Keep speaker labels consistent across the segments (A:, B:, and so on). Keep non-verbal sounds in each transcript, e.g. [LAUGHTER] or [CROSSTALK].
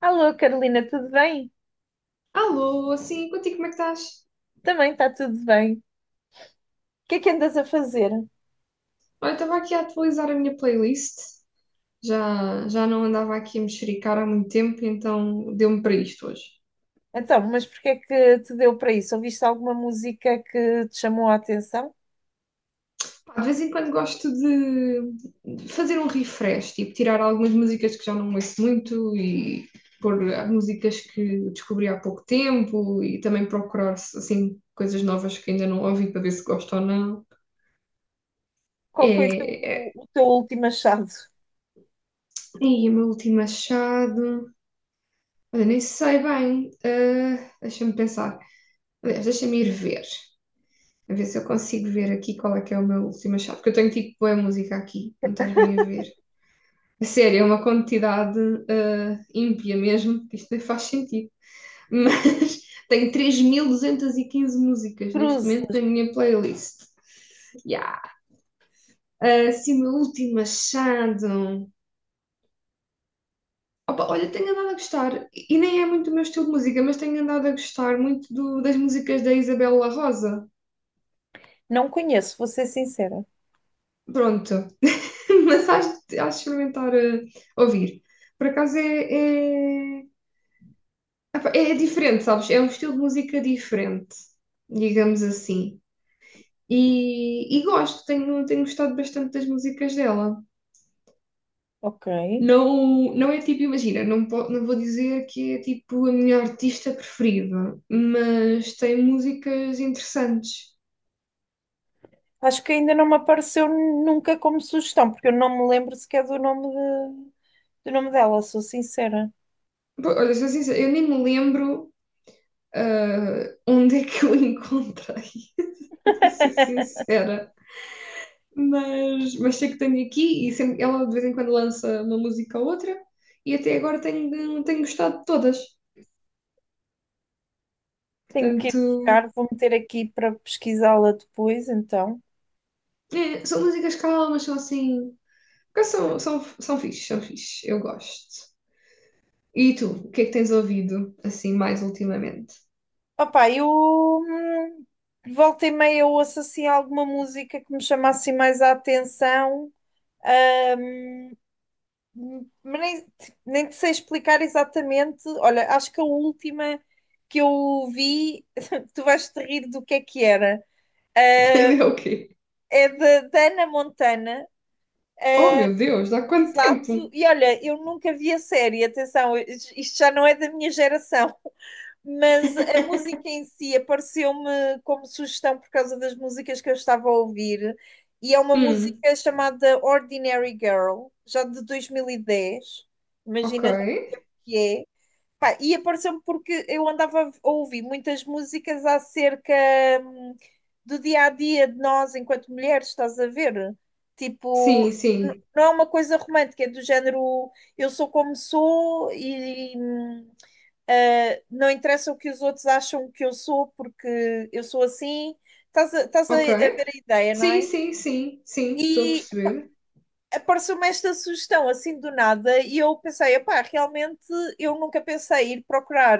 A: Alô, Carolina, tudo bem?
B: Alô, assim, contigo, como é que estás?
A: Também está tudo bem. O que é que andas a fazer?
B: Olha, estava aqui a atualizar a minha playlist. Já não andava aqui a mexericar há muito tempo, então deu-me para isto hoje.
A: Então, mas porquê é que te deu para isso? Ouviste alguma música que te chamou a atenção?
B: Pá, de vez em quando gosto de fazer um refresh, tipo tirar algumas músicas que já não ouço muito e pôr músicas que descobri há pouco tempo e também procurar assim coisas novas que ainda não ouvi para ver se gosto ou não. É,
A: Qual foi o teu,
B: é...
A: o teu último achado?
B: E o meu último achado. Olha, nem sei bem. Deixa-me pensar. Aliás, deixa-me ir ver, a ver se eu consigo ver aqui qual é que é o meu último achado, porque eu tenho tipo boa música aqui, não estás bem a ver.
A: [LAUGHS]
B: A sério, é uma quantidade ímpia mesmo, que isto nem faz sentido. Mas [LAUGHS] tenho 3.215 músicas neste
A: Cruzes.
B: momento na minha playlist. Yeah. Assim, o meu último achado. Opa, olha, tenho andado a gostar, e nem é muito o meu estilo de música, mas tenho andado a gostar muito das músicas da Isabel La Rosa.
A: Não conheço, vou ser sincera.
B: Pronto. [LAUGHS] Mas acho de hás de experimentar ouvir. Por acaso epá, é diferente, sabes? É um estilo de música diferente, digamos assim. E gosto, tenho gostado bastante das músicas dela.
A: Ok.
B: Não, não é tipo, imagina, não, não vou dizer que é tipo a minha artista preferida, mas tem músicas interessantes.
A: Acho que ainda não me apareceu nunca como sugestão, porque eu não me lembro sequer do nome, do nome dela, sou sincera.
B: Pô, olha, sou sincera, eu nem me lembro onde é que eu [LAUGHS] encontrei, [LAUGHS] vou ser sincera. Mas sei que tenho aqui e sempre- ela de vez em quando lança uma música ou outra e até agora tenho gostado de todas.
A: Tenho que ir
B: Portanto,
A: buscar, vou meter aqui para pesquisá-la depois, então.
B: são músicas calmas, são assim. Porque são fixe, são fixe, eu gosto. E tu, o que é que tens ouvido assim mais ultimamente?
A: Opa, eu volta e meia eu ouço assim alguma música que me chama assim mais a atenção, mas nem te sei explicar exatamente. Olha, acho que a última que eu vi, [LAUGHS] tu vais te rir do que é que era.
B: [LAUGHS]
A: Eh,
B: É o quê?
A: É da Hannah Montana,
B: Oh meu Deus, há quanto tempo?
A: exato. E olha, eu nunca vi a série, atenção, isto já não é da minha geração. Mas a música em si apareceu-me como sugestão por causa das músicas que eu estava a ouvir, e é uma
B: Hum,
A: música chamada Ordinary Girl, já de 2010,
B: ok.
A: imagina, já que é. Pá, e apareceu-me porque eu andava a ouvir muitas músicas acerca hum, do dia a dia de nós enquanto mulheres, estás a ver? Tipo,
B: Sim, sim,
A: não é uma coisa romântica, é do género eu sou como sou e, não interessa o que os outros acham que eu sou, porque eu sou assim. Estás a
B: ok.
A: ver a ideia, não
B: Sim,
A: é?
B: sim, sim, sim, estou a
A: E
B: perceber.
A: apareceu-me esta sugestão assim do nada, e eu pensei: epá, realmente eu nunca pensei ir procurar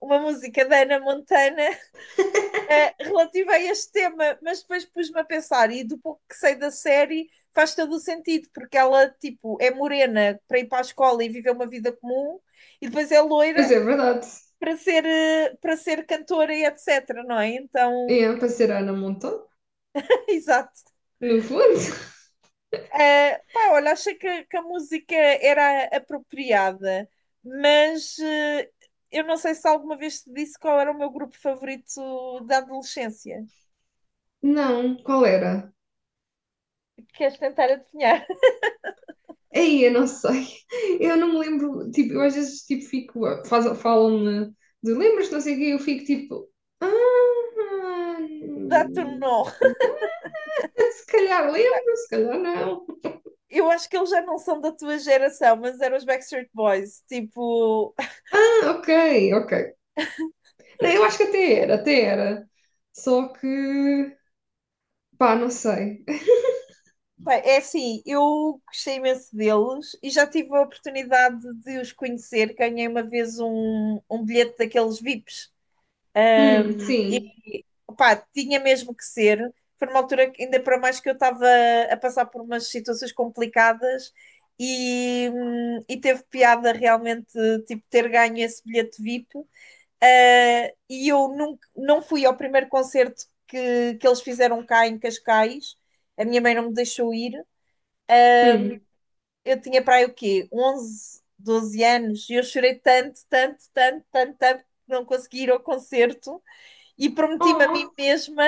A: uma música da Ana Montana relativa a este tema, mas depois pus-me a pensar, e do pouco que sei da série, faz todo o sentido, porque ela, tipo, é morena para ir para a escola e viver uma vida comum, e depois é
B: Pois
A: loira
B: é, verdade.
A: para ser cantora e etc, não é? Então,
B: É para ser Ana Montão,
A: [LAUGHS] exato.
B: no fundo. [LAUGHS]
A: Eh, pá, olha, achei que a música era apropriada, mas eu não sei se alguma vez te disse qual era o meu grupo favorito da adolescência.
B: Não, qual era?
A: Queres tentar adivinhar? [LAUGHS]
B: Aí, eu não sei. Eu não me lembro. Tipo, eu às vezes tipo, fico. Falam-me de lembras, não sei o quê, eu fico tipo. Ah,
A: Dá-te um nó.
B: se calhar lembro, se calhar não.
A: Eu acho que eles já não são da tua geração, mas eram os Backstreet Boys. Tipo,
B: Ah, ok, ok. Não, eu acho que até era, até era. Só que. Pá, não sei.
A: pá, é assim, eu gostei imenso deles e já tive a oportunidade de os conhecer. Ganhei uma vez um bilhete daqueles VIPs e
B: Sim.
A: pá, tinha mesmo que ser. Foi uma altura que, ainda para mais que eu estava a passar por umas situações complicadas e teve piada realmente, tipo, ter ganho esse bilhete VIP. Ah, e eu nunca, não fui ao primeiro concerto que eles fizeram cá em Cascais, a minha mãe não me deixou ir.
B: Hum.
A: Eu tinha para aí o quê? 11, 12 anos, e eu chorei tanto, tanto, tanto, tanto, tanto que não consegui ir ao concerto e prometi-me a mim
B: Oh.
A: mesma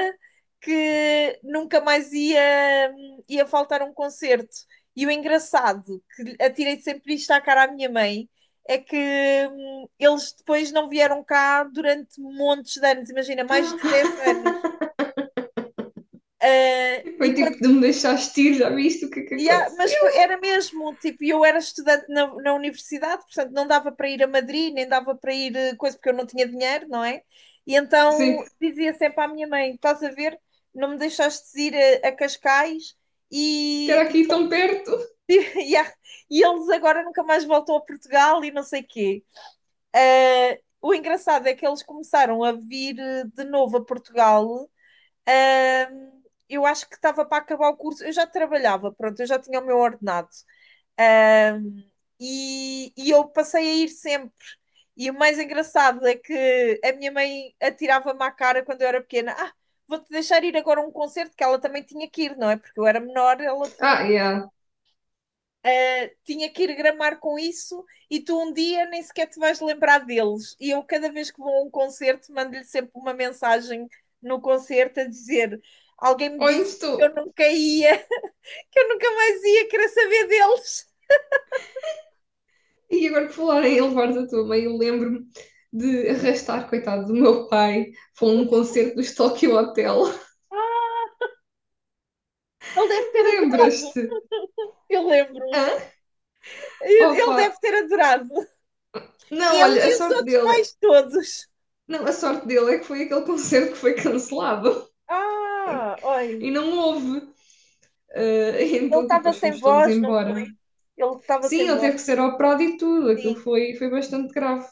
A: que nunca mais ia faltar a um concerto. E o engraçado, que atirei sempre isto à cara à minha mãe, é que eles depois não vieram cá durante montes de anos, imagina, mais de 10 anos.
B: [LAUGHS]
A: Ah,
B: Foi
A: e
B: tipo
A: quando.
B: de me deixar ir, já viste o que é que
A: E há- mas
B: aconteceu?
A: foi- era mesmo, tipo, eu era estudante na universidade, portanto não dava para ir a Madrid, nem dava para ir coisa, porque eu não tinha dinheiro, não é? E então
B: Sim,
A: dizia sempre à minha mãe: estás a ver, não me deixaste ir a Cascais
B: que era
A: e,
B: aqui tão perto.
A: [LAUGHS] e há- e eles agora nunca mais voltam a Portugal e não sei quê. Ah, o engraçado é que eles começaram a vir de novo a Portugal. Ah, eu acho que estava para acabar o curso, eu já trabalhava, pronto, eu já tinha o meu ordenado. Um, e eu passei a ir sempre. E o mais engraçado é que a minha mãe atirava-me à cara quando eu era pequena: ah, vou-te deixar ir agora a um concerto que ela também tinha que ir, não é? Porque eu era menor, ela tinha
B: Ah,
A: que,
B: yeah.
A: tinha que ir gramar com isso, e tu um dia nem sequer te vais lembrar deles. E eu, cada vez que vou a um concerto, mando-lhe sempre uma mensagem no concerto a dizer: alguém me
B: Onde
A: disse que
B: estou?
A: eu nunca ia, [LAUGHS] que eu nunca mais ia querer saber deles.
B: E agora que falar em levar da tua mãe, eu lembro-me de arrastar, coitado, do meu pai para um concerto do Tokyo Hotel.
A: Ah, ele deve
B: [LAUGHS]
A: ter adorado.
B: Lembras-te?
A: Eu lembro.
B: Hã?
A: Ele
B: Opa!
A: deve ter adorado.
B: Não, olha,
A: Ele
B: a
A: e os
B: sorte
A: outros
B: dele.
A: pais todos.
B: Não, a sorte dele é que foi aquele concerto que foi cancelado. [LAUGHS]
A: Ah, oi.
B: E não houve. Ah, [LAUGHS]
A: Ele
B: então, tipo,
A: estava
B: nós
A: sem
B: fomos todos
A: voz, não foi?
B: embora.
A: Ele estava
B: Sim,
A: sem
B: ele teve que
A: voz.
B: ser operado e tudo. Aquilo
A: Sim,
B: foi bastante grave.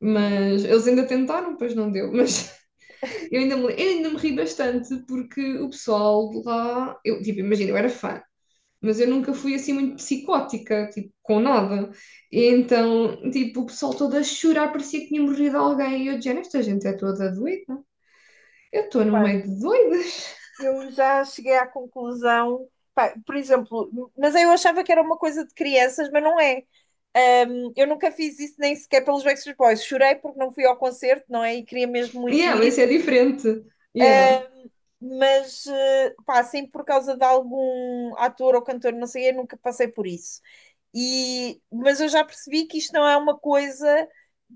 B: Mas eles ainda tentaram, pois não deu. Mas [LAUGHS] Eu ainda me ri bastante porque o pessoal de lá, eu, tipo, imagina, eu era fã, mas eu nunca fui assim muito psicótica, tipo, com nada. E então, tipo, o pessoal todo a chorar, parecia que tinha morrido alguém. E eu dizia, esta gente é toda doida. Eu estou no
A: pá.
B: meio de doidas. [LAUGHS]
A: Eu já cheguei à conclusão. Pá, por exemplo, mas eu achava que era uma coisa de crianças, mas não é. Eu nunca fiz isso nem sequer pelos Backstreet Boys. Chorei porque não fui ao concerto, não é? E queria mesmo muito
B: Yeah, mas
A: ir,
B: isso é diferente. Yeah.
A: mas eh, pá, assim por causa de algum ator ou cantor, não sei, eu nunca passei por isso. E, mas eu já percebi que isto não é uma coisa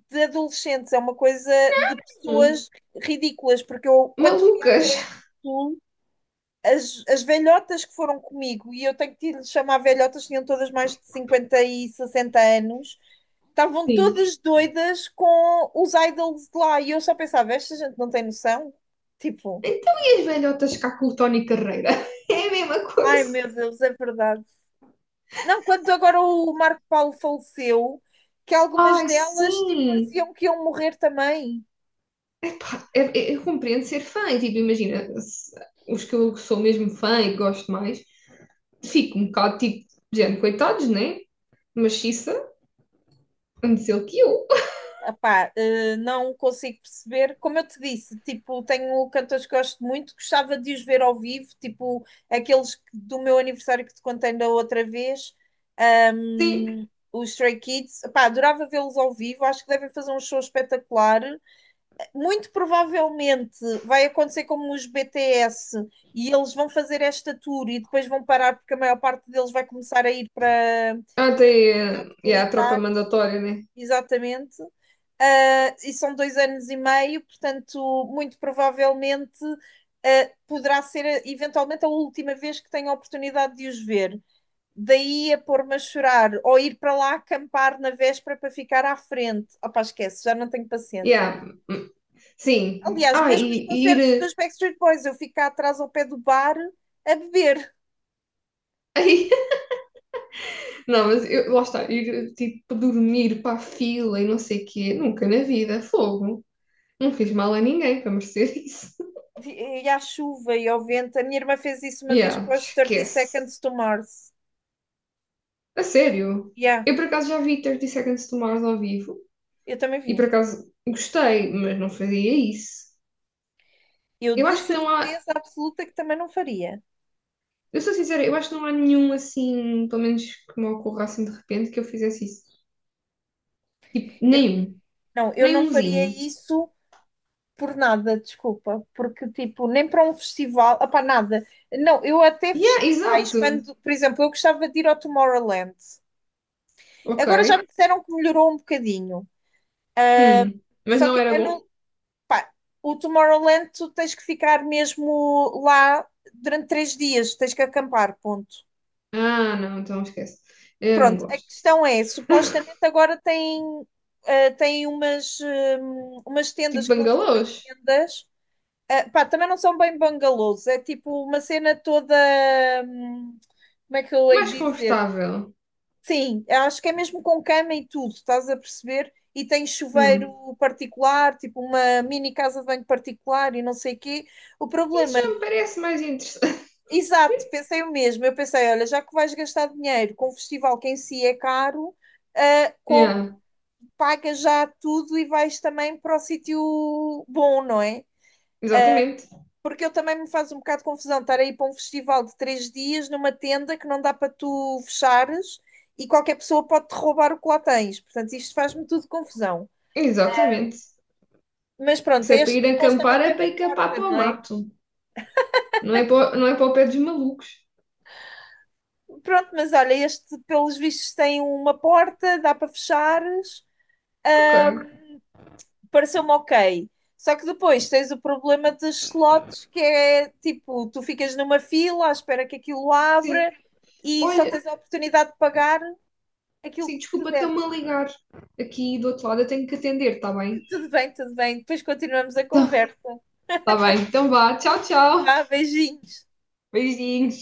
A: de adolescentes, é uma coisa de
B: Hum.
A: pessoas ridículas, porque eu, quando fui à
B: Malucas.
A: Coreia do Sul, as velhotas que foram comigo, e eu tenho que lhes chamar velhotas, tinham todas mais de 50 e 60 anos, estavam
B: Sim.
A: todas doidas com os idols de lá, e eu só pensava, esta gente não tem noção? Tipo,
B: Então, e as velhotas cá com o Tony Carreira? [LAUGHS] É a mesma
A: ai
B: coisa.
A: meu Deus, é verdade. Não, quando agora o Marco Paulo faleceu, que algumas
B: Ai,
A: delas, tipo,
B: sim.
A: pareciam que iam morrer também.
B: Epá, eu compreendo ser fã, e, tipo, imagina, os que eu sou mesmo fã e que gosto mais, fico um bocado tipo, de género, coitados, né? Maciça, antes ele que eu.
A: Epá, não consigo perceber. Como eu te disse, tipo, tenho cantores que gosto muito, gostava de os ver ao vivo, tipo aqueles do meu aniversário que te contei da outra vez,
B: Sim,
A: ahm, os Stray Kids. Epá, adorava vê-los ao vivo, acho que devem fazer um show espetacular. Muito provavelmente vai acontecer como os BTS, e eles vão fazer esta tour e depois vão parar porque a maior parte deles vai começar a ir para
B: até yeah, a tropa
A: militar,
B: mandatória, né?
A: exatamente. E são 2 anos e meio, portanto, muito provavelmente poderá ser eventualmente a última vez que tenho a oportunidade de os ver. Daí a pôr-me a chorar ou ir para lá acampar na véspera para ficar à frente. Opá, esquece, já não tenho paciência.
B: Yeah, hum, sim.
A: Aliás,
B: Ah, e,
A: mesmo os
B: e ir.
A: concertos dos Backstreet Boys, eu fico cá atrás ao pé do bar a beber.
B: [LAUGHS] Ai, não, mas eu, lá está, ir tipo dormir para a fila e não sei o quê, nunca na vida, fogo. Não fiz mal a ninguém para merecer isso. [LAUGHS]
A: E à chuva e ao vento. A minha irmã fez isso uma vez
B: Yeah,
A: para os 30
B: esquece.
A: Seconds to Mars.
B: A sério?
A: Yeah,
B: Eu por acaso já vi 30 Seconds to Mars ao vivo
A: eu também
B: e
A: vi.
B: por acaso gostei, mas não fazia isso.
A: Eu
B: Eu
A: de
B: acho que não há,
A: certeza absoluta que também não faria.
B: eu sou sincera, eu acho que não há nenhum assim, pelo menos que me ocorra assim de repente, que eu fizesse isso. Tipo,
A: Eu-
B: nenhum,
A: não, eu não faria
B: nenhumzinho.
A: isso por nada, desculpa. Porque, tipo, nem para um festival, opá, nada. Não, eu até
B: Yeah,
A: festivais,
B: exato.
A: quando, por exemplo, eu gostava de ir ao Tomorrowland.
B: Ok.
A: Agora já me disseram que melhorou um bocadinho.
B: Hum. Mas
A: Só
B: não
A: que
B: era
A: a não.
B: bom?
A: Pá, o Tomorrowland tu tens que ficar mesmo lá durante 3 dias, tens que acampar, ponto.
B: Ah, não, então esquece. Eu não
A: Pronto, a
B: gosto disso.
A: questão é,
B: [LAUGHS]
A: supostamente agora tem umas
B: Tipo
A: tendas que não são bem
B: bangalôs.
A: tendas. Eh, pá, também não são bem bangalôs, é tipo uma cena toda, hum, como é que eu hei de
B: Mais
A: dizer?
B: confortável.
A: Sim, acho que é mesmo com cama e tudo, estás a perceber? E tem chuveiro
B: Hum.
A: particular, tipo uma mini casa de banho particular e não sei o quê. O
B: Isso
A: problema.
B: já me parece mais interessante. [LAUGHS]
A: Exato, pensei o mesmo. Eu pensei, olha, já que vais gastar dinheiro com um festival que em si é caro, ah,
B: Yeah,
A: paga já tudo e vais também para o sítio bom, não é?
B: exatamente.
A: Porque eu também me faz um bocado de confusão estar aí para um festival de 3 dias numa tenda que não dá para tu fechares, e qualquer pessoa pode-te roubar o que lá tens. Portanto, isto faz-me tudo confusão.
B: Exatamente.
A: Mas pronto,
B: Se é para
A: este
B: ir acampar,
A: supostamente
B: é
A: tem
B: para
A: uma
B: ir acampar
A: porta,
B: para o
A: não é?
B: mato. Não é para o pé dos malucos.
A: Pronto, mas olha, este pelos vistos tem uma porta, dá para fechares.
B: Ok.
A: Pareceu-me ok. Só que depois tens o problema dos slots, que é tipo, tu ficas numa fila à espera que aquilo
B: Sim.
A: abra e só
B: Olha,
A: tens a oportunidade de pagar aquilo
B: sim,
A: que te
B: desculpa,
A: der.
B: estão-me a ligar aqui do outro lado. Eu tenho que atender, está bem?
A: Tudo bem, tudo bem. Depois continuamos a conversa.
B: Está bem. Então vá. Tchau, tchau.
A: Vá, beijinhos.
B: Beijinho.